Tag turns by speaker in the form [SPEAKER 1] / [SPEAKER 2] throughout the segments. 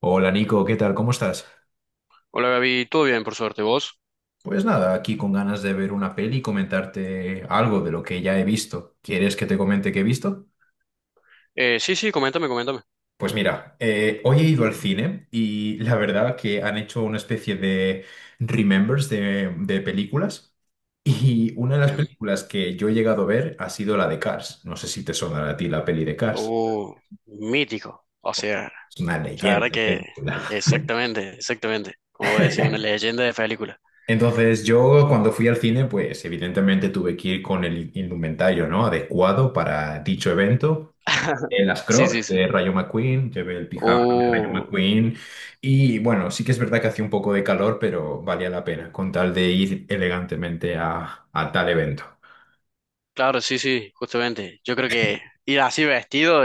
[SPEAKER 1] Hola Nico, ¿qué tal? ¿Cómo estás?
[SPEAKER 2] Hola Gaby, todo bien, por suerte, ¿vos?
[SPEAKER 1] Pues nada, aquí con ganas de ver una peli y comentarte algo de lo que ya he visto. ¿Quieres que te comente qué he visto?
[SPEAKER 2] Sí, sí, coméntame, coméntame.
[SPEAKER 1] Pues mira, hoy he ido al cine y la verdad que han hecho una especie de remembers de películas y una de las
[SPEAKER 2] Bien.
[SPEAKER 1] películas que yo he llegado a ver ha sido la de Cars. No sé si te sonará a ti la peli de Cars.
[SPEAKER 2] Uh, Mítico. O sea,
[SPEAKER 1] Es una
[SPEAKER 2] la
[SPEAKER 1] leyenda
[SPEAKER 2] verdad
[SPEAKER 1] de
[SPEAKER 2] que
[SPEAKER 1] película.
[SPEAKER 2] exactamente, exactamente. Como voy a decir, una leyenda de película.
[SPEAKER 1] Entonces yo cuando fui al cine, pues evidentemente tuve que ir con el indumentario, ¿no?, adecuado para dicho evento. En Las
[SPEAKER 2] Sí, sí,
[SPEAKER 1] Crocs
[SPEAKER 2] sí.
[SPEAKER 1] de Rayo McQueen, llevé el pijama de Rayo
[SPEAKER 2] Uh,
[SPEAKER 1] McQueen y bueno, sí que es verdad que hacía un poco de calor, pero valía la pena con tal de ir elegantemente a tal evento.
[SPEAKER 2] claro, sí, sí, justamente. Yo creo que ir así vestido,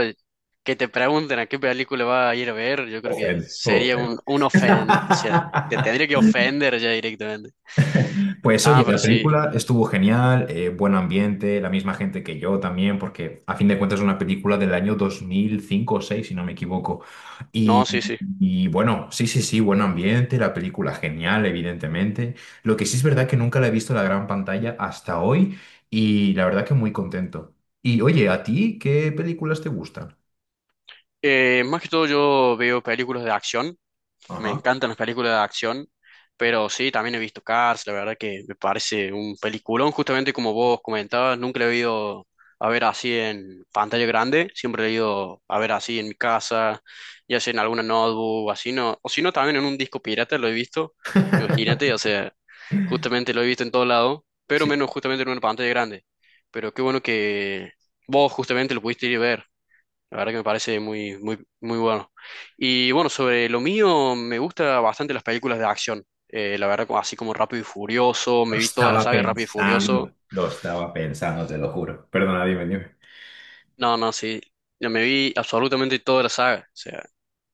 [SPEAKER 2] que te pregunten a qué película vas a ir a ver, yo creo que
[SPEAKER 1] Ofende,
[SPEAKER 2] sería
[SPEAKER 1] ofende.
[SPEAKER 2] o sea, te tendría que ofender ya directamente.
[SPEAKER 1] Pues
[SPEAKER 2] Ah,
[SPEAKER 1] oye,
[SPEAKER 2] pero
[SPEAKER 1] la
[SPEAKER 2] sí.
[SPEAKER 1] película estuvo genial, buen ambiente, la misma gente que yo también, porque a fin de cuentas es una película del año 2005 o 2006 si no me equivoco.
[SPEAKER 2] No, sí,
[SPEAKER 1] Y,
[SPEAKER 2] sí.
[SPEAKER 1] y bueno, sí, sí, sí, buen ambiente, la película genial, evidentemente. Lo que sí es verdad que nunca la he visto en la gran pantalla hasta hoy y la verdad que muy contento. Y oye, ¿a ti qué películas te gustan?
[SPEAKER 2] Más que todo yo veo películas de acción, me
[SPEAKER 1] Ajá.
[SPEAKER 2] encantan las películas de acción, pero sí, también he visto Cars, la verdad que me parece un peliculón, justamente como vos comentabas, nunca lo he ido a ver así en pantalla grande, siempre lo he ido a ver así en mi casa, ya sea en alguna notebook, o así no, o si no también en un disco pirata lo he visto, imagínate, o sea, justamente lo he visto en todo lado, pero
[SPEAKER 1] Sí,
[SPEAKER 2] menos justamente en una pantalla grande, pero qué bueno que vos justamente lo pudiste ir a ver. La verdad que me parece muy, muy, muy bueno. Y bueno, sobre lo mío, me gusta bastante las películas de acción. La verdad, así como Rápido y Furioso, me vi toda la saga de Rápido y Furioso.
[SPEAKER 1] lo estaba pensando, te lo juro. Perdona, dime, dime.
[SPEAKER 2] No, no, sí. Yo me vi absolutamente toda la saga. O sea,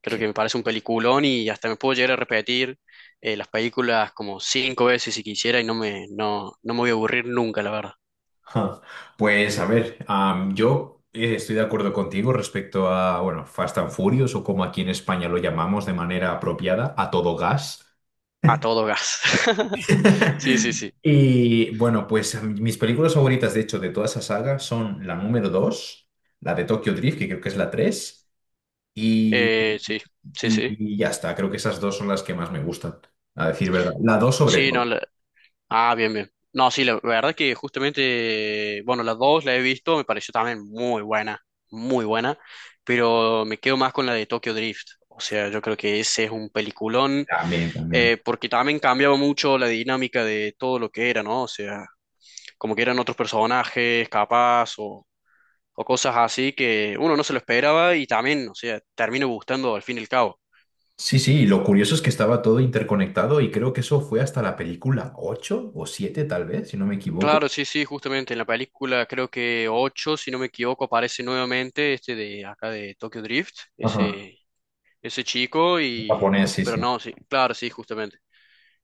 [SPEAKER 2] creo que me parece un peliculón y hasta me puedo llegar a repetir las películas como cinco veces si quisiera y no me voy a aburrir nunca, la verdad.
[SPEAKER 1] Ja. Pues a ver, yo estoy de acuerdo contigo respecto a, bueno, Fast and Furious o como aquí en España lo llamamos de manera apropiada, a todo gas.
[SPEAKER 2] A todo gas. Sí, sí, sí.
[SPEAKER 1] Y bueno, pues mis películas favoritas, de hecho, de toda esa saga son la número 2, la de Tokyo Drift, que creo que es la 3, y,
[SPEAKER 2] Sí, sí, sí.
[SPEAKER 1] y ya está, creo que esas dos son las que más me gustan, a decir verdad. La 2 sobre
[SPEAKER 2] Sí, no,
[SPEAKER 1] todo.
[SPEAKER 2] la- Ah, bien, bien. No, sí, la verdad que justamente, bueno, las dos la he visto, me pareció también muy buena, pero me quedo más con la de Tokyo Drift. O sea, yo creo que ese es un peliculón,
[SPEAKER 1] También, también.
[SPEAKER 2] porque también cambiaba mucho la dinámica de todo lo que era, ¿no? O sea, como que eran otros personajes, capaz, o cosas así que uno no se lo esperaba y también, o sea, termina gustando al fin y al cabo.
[SPEAKER 1] Sí, sí, y lo curioso es que estaba todo interconectado y creo que eso fue hasta la película 8 o 7 tal vez, si no me equivoco.
[SPEAKER 2] Claro, sí, sí, justamente en la película creo que 8, si no me equivoco, aparece nuevamente este de acá de Tokyo Drift,
[SPEAKER 1] Ajá.
[SPEAKER 2] ese chico y...
[SPEAKER 1] Japonés, sí,
[SPEAKER 2] Pero
[SPEAKER 1] sí.
[SPEAKER 2] no, sí, claro, sí, justamente.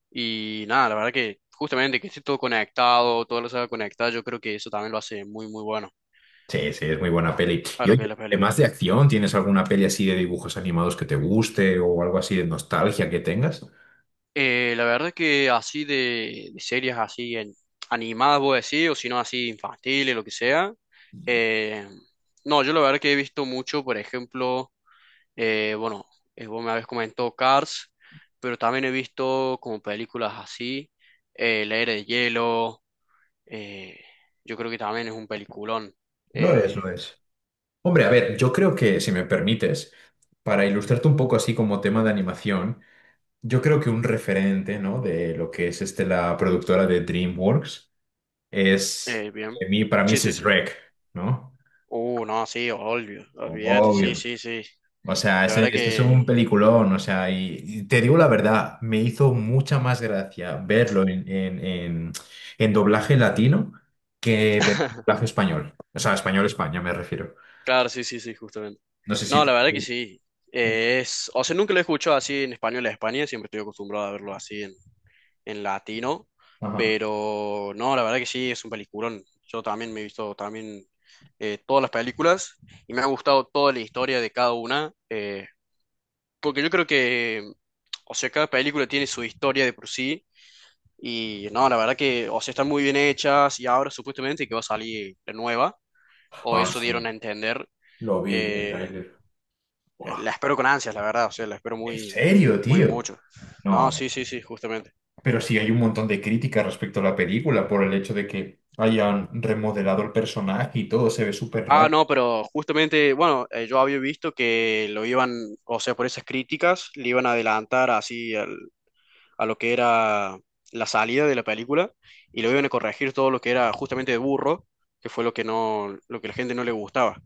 [SPEAKER 2] Y nada, la verdad que justamente que esté todo conectado, todo lo saga conectada, yo creo que eso también lo hace muy, muy bueno
[SPEAKER 1] Sí, sí, es muy buena peli.
[SPEAKER 2] a
[SPEAKER 1] Y
[SPEAKER 2] lo que
[SPEAKER 1] oye,
[SPEAKER 2] es la
[SPEAKER 1] además
[SPEAKER 2] película.
[SPEAKER 1] de acción, ¿tienes alguna peli así de dibujos animados que te guste o algo así de nostalgia que tengas?
[SPEAKER 2] La verdad que así de series así animadas, voy a decir, o si no así infantiles, lo que sea. eh, no, yo la verdad que he visto mucho, por ejemplo... Bueno, vos me habéis comentado Cars, pero también he visto como películas así, La Era de Hielo, eh, yo creo que también es un peliculón.
[SPEAKER 1] Lo es,
[SPEAKER 2] Eh,
[SPEAKER 1] lo es. Hombre, a ver, yo creo que, si me permites, para ilustrarte un poco así como tema de animación, yo creo que un referente, ¿no?, de lo que es este, la productora de DreamWorks. Es,
[SPEAKER 2] Bien,
[SPEAKER 1] de mí, para mí
[SPEAKER 2] sí,
[SPEAKER 1] ese
[SPEAKER 2] sí,
[SPEAKER 1] es
[SPEAKER 2] sí.
[SPEAKER 1] Shrek, ¿no?
[SPEAKER 2] No, sí, obvio, olvídate, sí,
[SPEAKER 1] Obvio.
[SPEAKER 2] sí, sí.
[SPEAKER 1] O sea,
[SPEAKER 2] La
[SPEAKER 1] ese,
[SPEAKER 2] verdad
[SPEAKER 1] ese es
[SPEAKER 2] que,
[SPEAKER 1] un peliculón, o sea, y te digo la verdad, me hizo mucha más gracia verlo en doblaje latino que ver doblaje español. O sea, español-España me refiero.
[SPEAKER 2] claro, sí, sí, sí, justamente.
[SPEAKER 1] No sé si...
[SPEAKER 2] No, la verdad que sí. O sea, nunca lo he escuchado así en español a España, siempre estoy acostumbrado a verlo así en latino,
[SPEAKER 1] Ajá.
[SPEAKER 2] pero no, la verdad que sí, es un peliculón. Yo también me he visto también todas las películas y me ha gustado toda la historia de cada una, porque yo creo que, o sea, cada película tiene su historia de por sí y no, la verdad que, o sea, están muy bien hechas y ahora supuestamente que va a salir la nueva, o
[SPEAKER 1] Ah,
[SPEAKER 2] eso
[SPEAKER 1] sí,
[SPEAKER 2] dieron a entender.
[SPEAKER 1] lo vi, vi el
[SPEAKER 2] eh,
[SPEAKER 1] tráiler. Buah.
[SPEAKER 2] la espero con ansias, la verdad, o sea, la espero
[SPEAKER 1] ¿En
[SPEAKER 2] muy,
[SPEAKER 1] serio,
[SPEAKER 2] muy
[SPEAKER 1] tío?
[SPEAKER 2] mucho. No,
[SPEAKER 1] No.
[SPEAKER 2] sí, sí, sí, justamente.
[SPEAKER 1] Pero sí hay un montón de críticas respecto a la película por el hecho de que hayan remodelado el personaje y todo se ve súper
[SPEAKER 2] Ah,
[SPEAKER 1] raro.
[SPEAKER 2] no, pero justamente, bueno, yo había visto que lo iban, o sea, por esas críticas, le iban a adelantar así a lo que era la salida de la película y lo iban a corregir todo lo que era justamente de burro, que fue lo que la gente no le gustaba,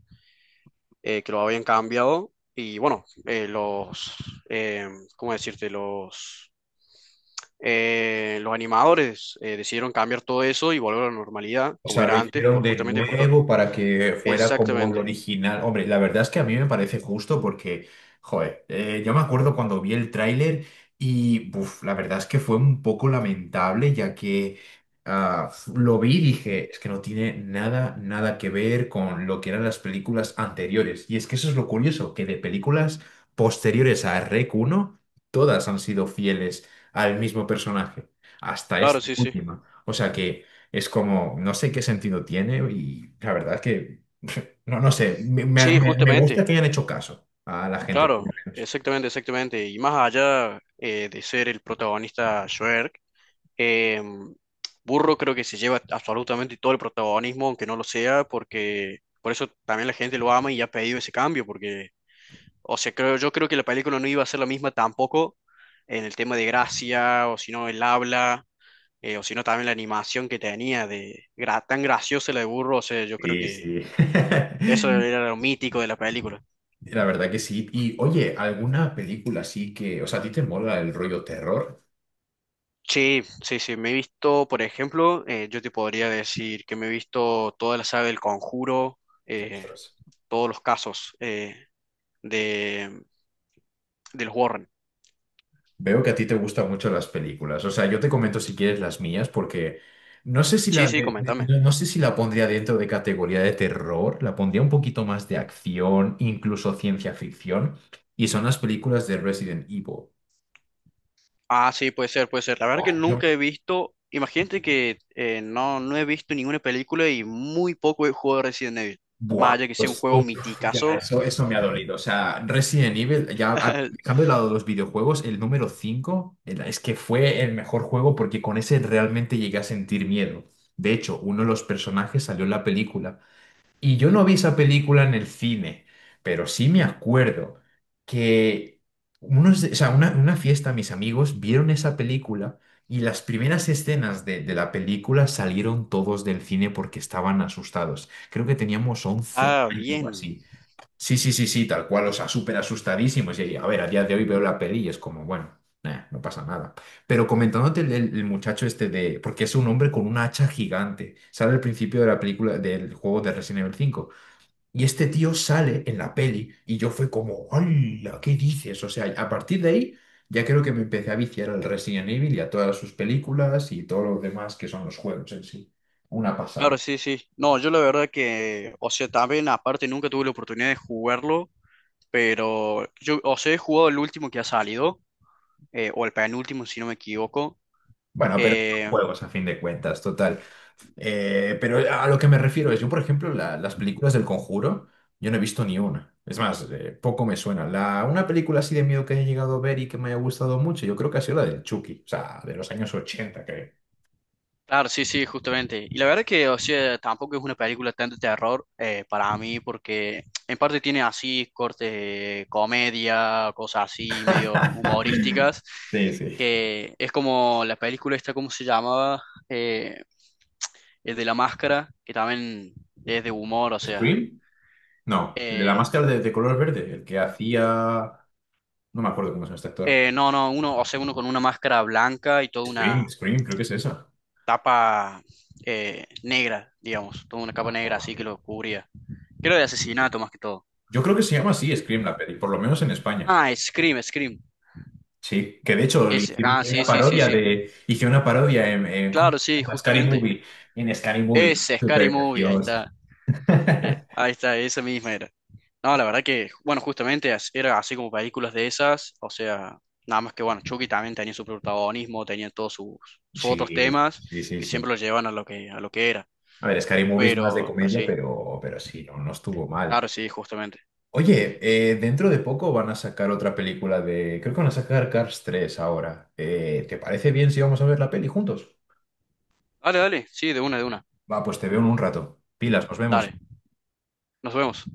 [SPEAKER 2] que lo habían cambiado y bueno, eh, ¿cómo decirte? Los animadores decidieron cambiar todo eso y volver a la normalidad
[SPEAKER 1] O
[SPEAKER 2] como
[SPEAKER 1] sea, lo
[SPEAKER 2] era antes,
[SPEAKER 1] hicieron
[SPEAKER 2] por
[SPEAKER 1] de
[SPEAKER 2] justamente por todo.
[SPEAKER 1] nuevo para que fuera como lo
[SPEAKER 2] Exactamente.
[SPEAKER 1] original. Hombre, la verdad es que a mí me parece justo porque, joder, yo me acuerdo cuando vi el tráiler y, buf, la verdad es que fue un poco lamentable ya que ah, lo vi y dije, es que no tiene nada, nada que ver con lo que eran las películas anteriores. Y es que eso es lo curioso, que de películas posteriores a Rec uno todas han sido fieles al mismo personaje, hasta
[SPEAKER 2] Claro,
[SPEAKER 1] esta
[SPEAKER 2] sí, sí.
[SPEAKER 1] última. O sea que... Es como, no sé qué sentido tiene y la verdad es que, no, no sé,
[SPEAKER 2] Sí,
[SPEAKER 1] me gusta
[SPEAKER 2] justamente,
[SPEAKER 1] que hayan hecho caso a la gente, por lo
[SPEAKER 2] claro,
[SPEAKER 1] menos.
[SPEAKER 2] exactamente, exactamente. Y más allá de ser el protagonista Shrek, eh, Burro creo que se lleva absolutamente todo el protagonismo, aunque no lo sea, porque por eso también la gente lo ama y ha pedido ese cambio, porque, o sea, yo creo que la película no iba a ser la misma tampoco en el tema de gracia, o si no, el habla, o si no, también la animación que tenía de tan graciosa la de Burro, o sea, yo creo
[SPEAKER 1] Sí,
[SPEAKER 2] que
[SPEAKER 1] sí.
[SPEAKER 2] eso era lo mítico de la película.
[SPEAKER 1] La verdad que sí. Y oye, ¿alguna película así que, o sea, a ti te mola el rollo terror?
[SPEAKER 2] Sí, sí, sí, me he visto, por ejemplo, yo te podría decir que me he visto toda la saga del Conjuro, eh,
[SPEAKER 1] Ostras.
[SPEAKER 2] todos los casos de, de los Warren.
[SPEAKER 1] Veo que a ti te gustan mucho las películas. O sea, yo te comento si quieres las mías, porque no sé si
[SPEAKER 2] Sí,
[SPEAKER 1] la,
[SPEAKER 2] sí, coméntame.
[SPEAKER 1] no, no sé si la pondría dentro de categoría de terror, la pondría un poquito más de acción, incluso ciencia ficción, y son las películas de Resident Evil.
[SPEAKER 2] Ah, sí, puede ser, puede ser. La verdad
[SPEAKER 1] Oh,
[SPEAKER 2] que
[SPEAKER 1] yo,
[SPEAKER 2] nunca he visto, imagínate que no he visto ninguna película y muy poco he jugado Resident Evil,
[SPEAKER 1] buah,
[SPEAKER 2] más allá que sea un
[SPEAKER 1] pues
[SPEAKER 2] juego
[SPEAKER 1] uf, ya,
[SPEAKER 2] miticazo.
[SPEAKER 1] eso me ha dolido. O sea, Resident Evil, ya dejando de lado los videojuegos, el número 5 es que fue el mejor juego porque con ese realmente llegué a sentir miedo. De hecho, uno de los personajes salió en la película. Y yo no vi esa película en el cine, pero sí me acuerdo que unos, o sea, una fiesta, mis amigos vieron esa película y las primeras escenas de la película salieron todos del cine porque estaban asustados. Creo que teníamos once
[SPEAKER 2] Ah,
[SPEAKER 1] años o
[SPEAKER 2] bien.
[SPEAKER 1] así. Sí, sí, sí, sí, tal cual, o sea, súper asustadísimos. Y a ver, a día de hoy veo la peli y es como, bueno, nah, no pasa nada. Pero comentándote el muchacho este de, porque es un hombre con una hacha gigante, sale al principio de la película, del juego de Resident Evil 5. Y este tío sale en la peli y yo fue como, ¡hala! ¿Qué dices? O sea, a partir de ahí ya creo que me empecé a viciar al Resident Evil y a todas sus películas y todo lo demás que son los juegos en sí. Una
[SPEAKER 2] Claro,
[SPEAKER 1] pasada.
[SPEAKER 2] sí, sí. No, yo la verdad que, o sea, también aparte nunca tuve la oportunidad de jugarlo. Pero yo, o sea, he jugado el último que ha salido, o el penúltimo, si no me equivoco.
[SPEAKER 1] Bueno, pero son
[SPEAKER 2] Eh,
[SPEAKER 1] juegos a fin de cuentas, total. Pero a lo que me refiero es, yo por ejemplo, las películas del Conjuro, yo no he visto ni una. Es más, poco me suena. La, una película así de miedo que haya llegado a ver y que me haya gustado mucho, yo creo que ha sido la del Chucky, o sea, de los años ochenta, creo.
[SPEAKER 2] claro, sí, sí, justamente. Y la verdad que, o sea, tampoco es una película tanto de terror para mí, porque en parte tiene así cortes de comedia, cosas así, medio humorísticas,
[SPEAKER 1] Sí, sí.
[SPEAKER 2] que es como la película esta, ¿cómo se llamaba? Eh, el de la máscara, que también es de humor, o sea...
[SPEAKER 1] ¿Scream? No, el de la
[SPEAKER 2] eh,
[SPEAKER 1] máscara de color verde, el que hacía... No me acuerdo cómo se llama este actor.
[SPEAKER 2] no, no, uno, o sea, uno con una máscara blanca y toda
[SPEAKER 1] Scream,
[SPEAKER 2] una
[SPEAKER 1] Scream, creo que es esa.
[SPEAKER 2] tapa negra, digamos, toda una capa
[SPEAKER 1] Ah,
[SPEAKER 2] negra
[SPEAKER 1] bueno.
[SPEAKER 2] así que lo cubría. Creo de asesinato más que todo.
[SPEAKER 1] Yo creo que se llama así Scream la peli, por lo menos en España.
[SPEAKER 2] Ah, Scream, Scream.
[SPEAKER 1] Sí, que de hecho le
[SPEAKER 2] Ese. Ah,
[SPEAKER 1] hicieron
[SPEAKER 2] sí,
[SPEAKER 1] una
[SPEAKER 2] sí, sí,
[SPEAKER 1] parodia
[SPEAKER 2] sí.
[SPEAKER 1] de. Hicieron una parodia en, ¿cómo
[SPEAKER 2] Claro,
[SPEAKER 1] se
[SPEAKER 2] sí,
[SPEAKER 1] llama? Scary
[SPEAKER 2] justamente.
[SPEAKER 1] Movie. En Scary Movie.
[SPEAKER 2] Ese, Scary
[SPEAKER 1] Súper
[SPEAKER 2] Movie, ahí
[SPEAKER 1] gracioso.
[SPEAKER 2] está. Ahí está, esa misma era. No, la verdad que, bueno, justamente era así como películas de esas. O sea, nada más que, bueno, Chucky también tenía su protagonismo, tenía todos sus
[SPEAKER 1] Sí,
[SPEAKER 2] otros temas
[SPEAKER 1] sí, sí,
[SPEAKER 2] que siempre
[SPEAKER 1] sí.
[SPEAKER 2] lo llevan a lo que era.
[SPEAKER 1] A ver, Scary Movie es más de
[SPEAKER 2] Pero
[SPEAKER 1] comedia,
[SPEAKER 2] sí,
[SPEAKER 1] pero sí, no, no estuvo mal.
[SPEAKER 2] claro, sí, justamente.
[SPEAKER 1] Oye,
[SPEAKER 2] Y-
[SPEAKER 1] dentro de poco van a sacar otra película de. Creo que van a sacar Cars tres ahora. ¿Te parece bien si vamos a ver la peli juntos?
[SPEAKER 2] Dale, dale, sí, de una, de una.
[SPEAKER 1] Va, pues te veo en un rato. Pilas, nos vemos.
[SPEAKER 2] Dale, nos vemos.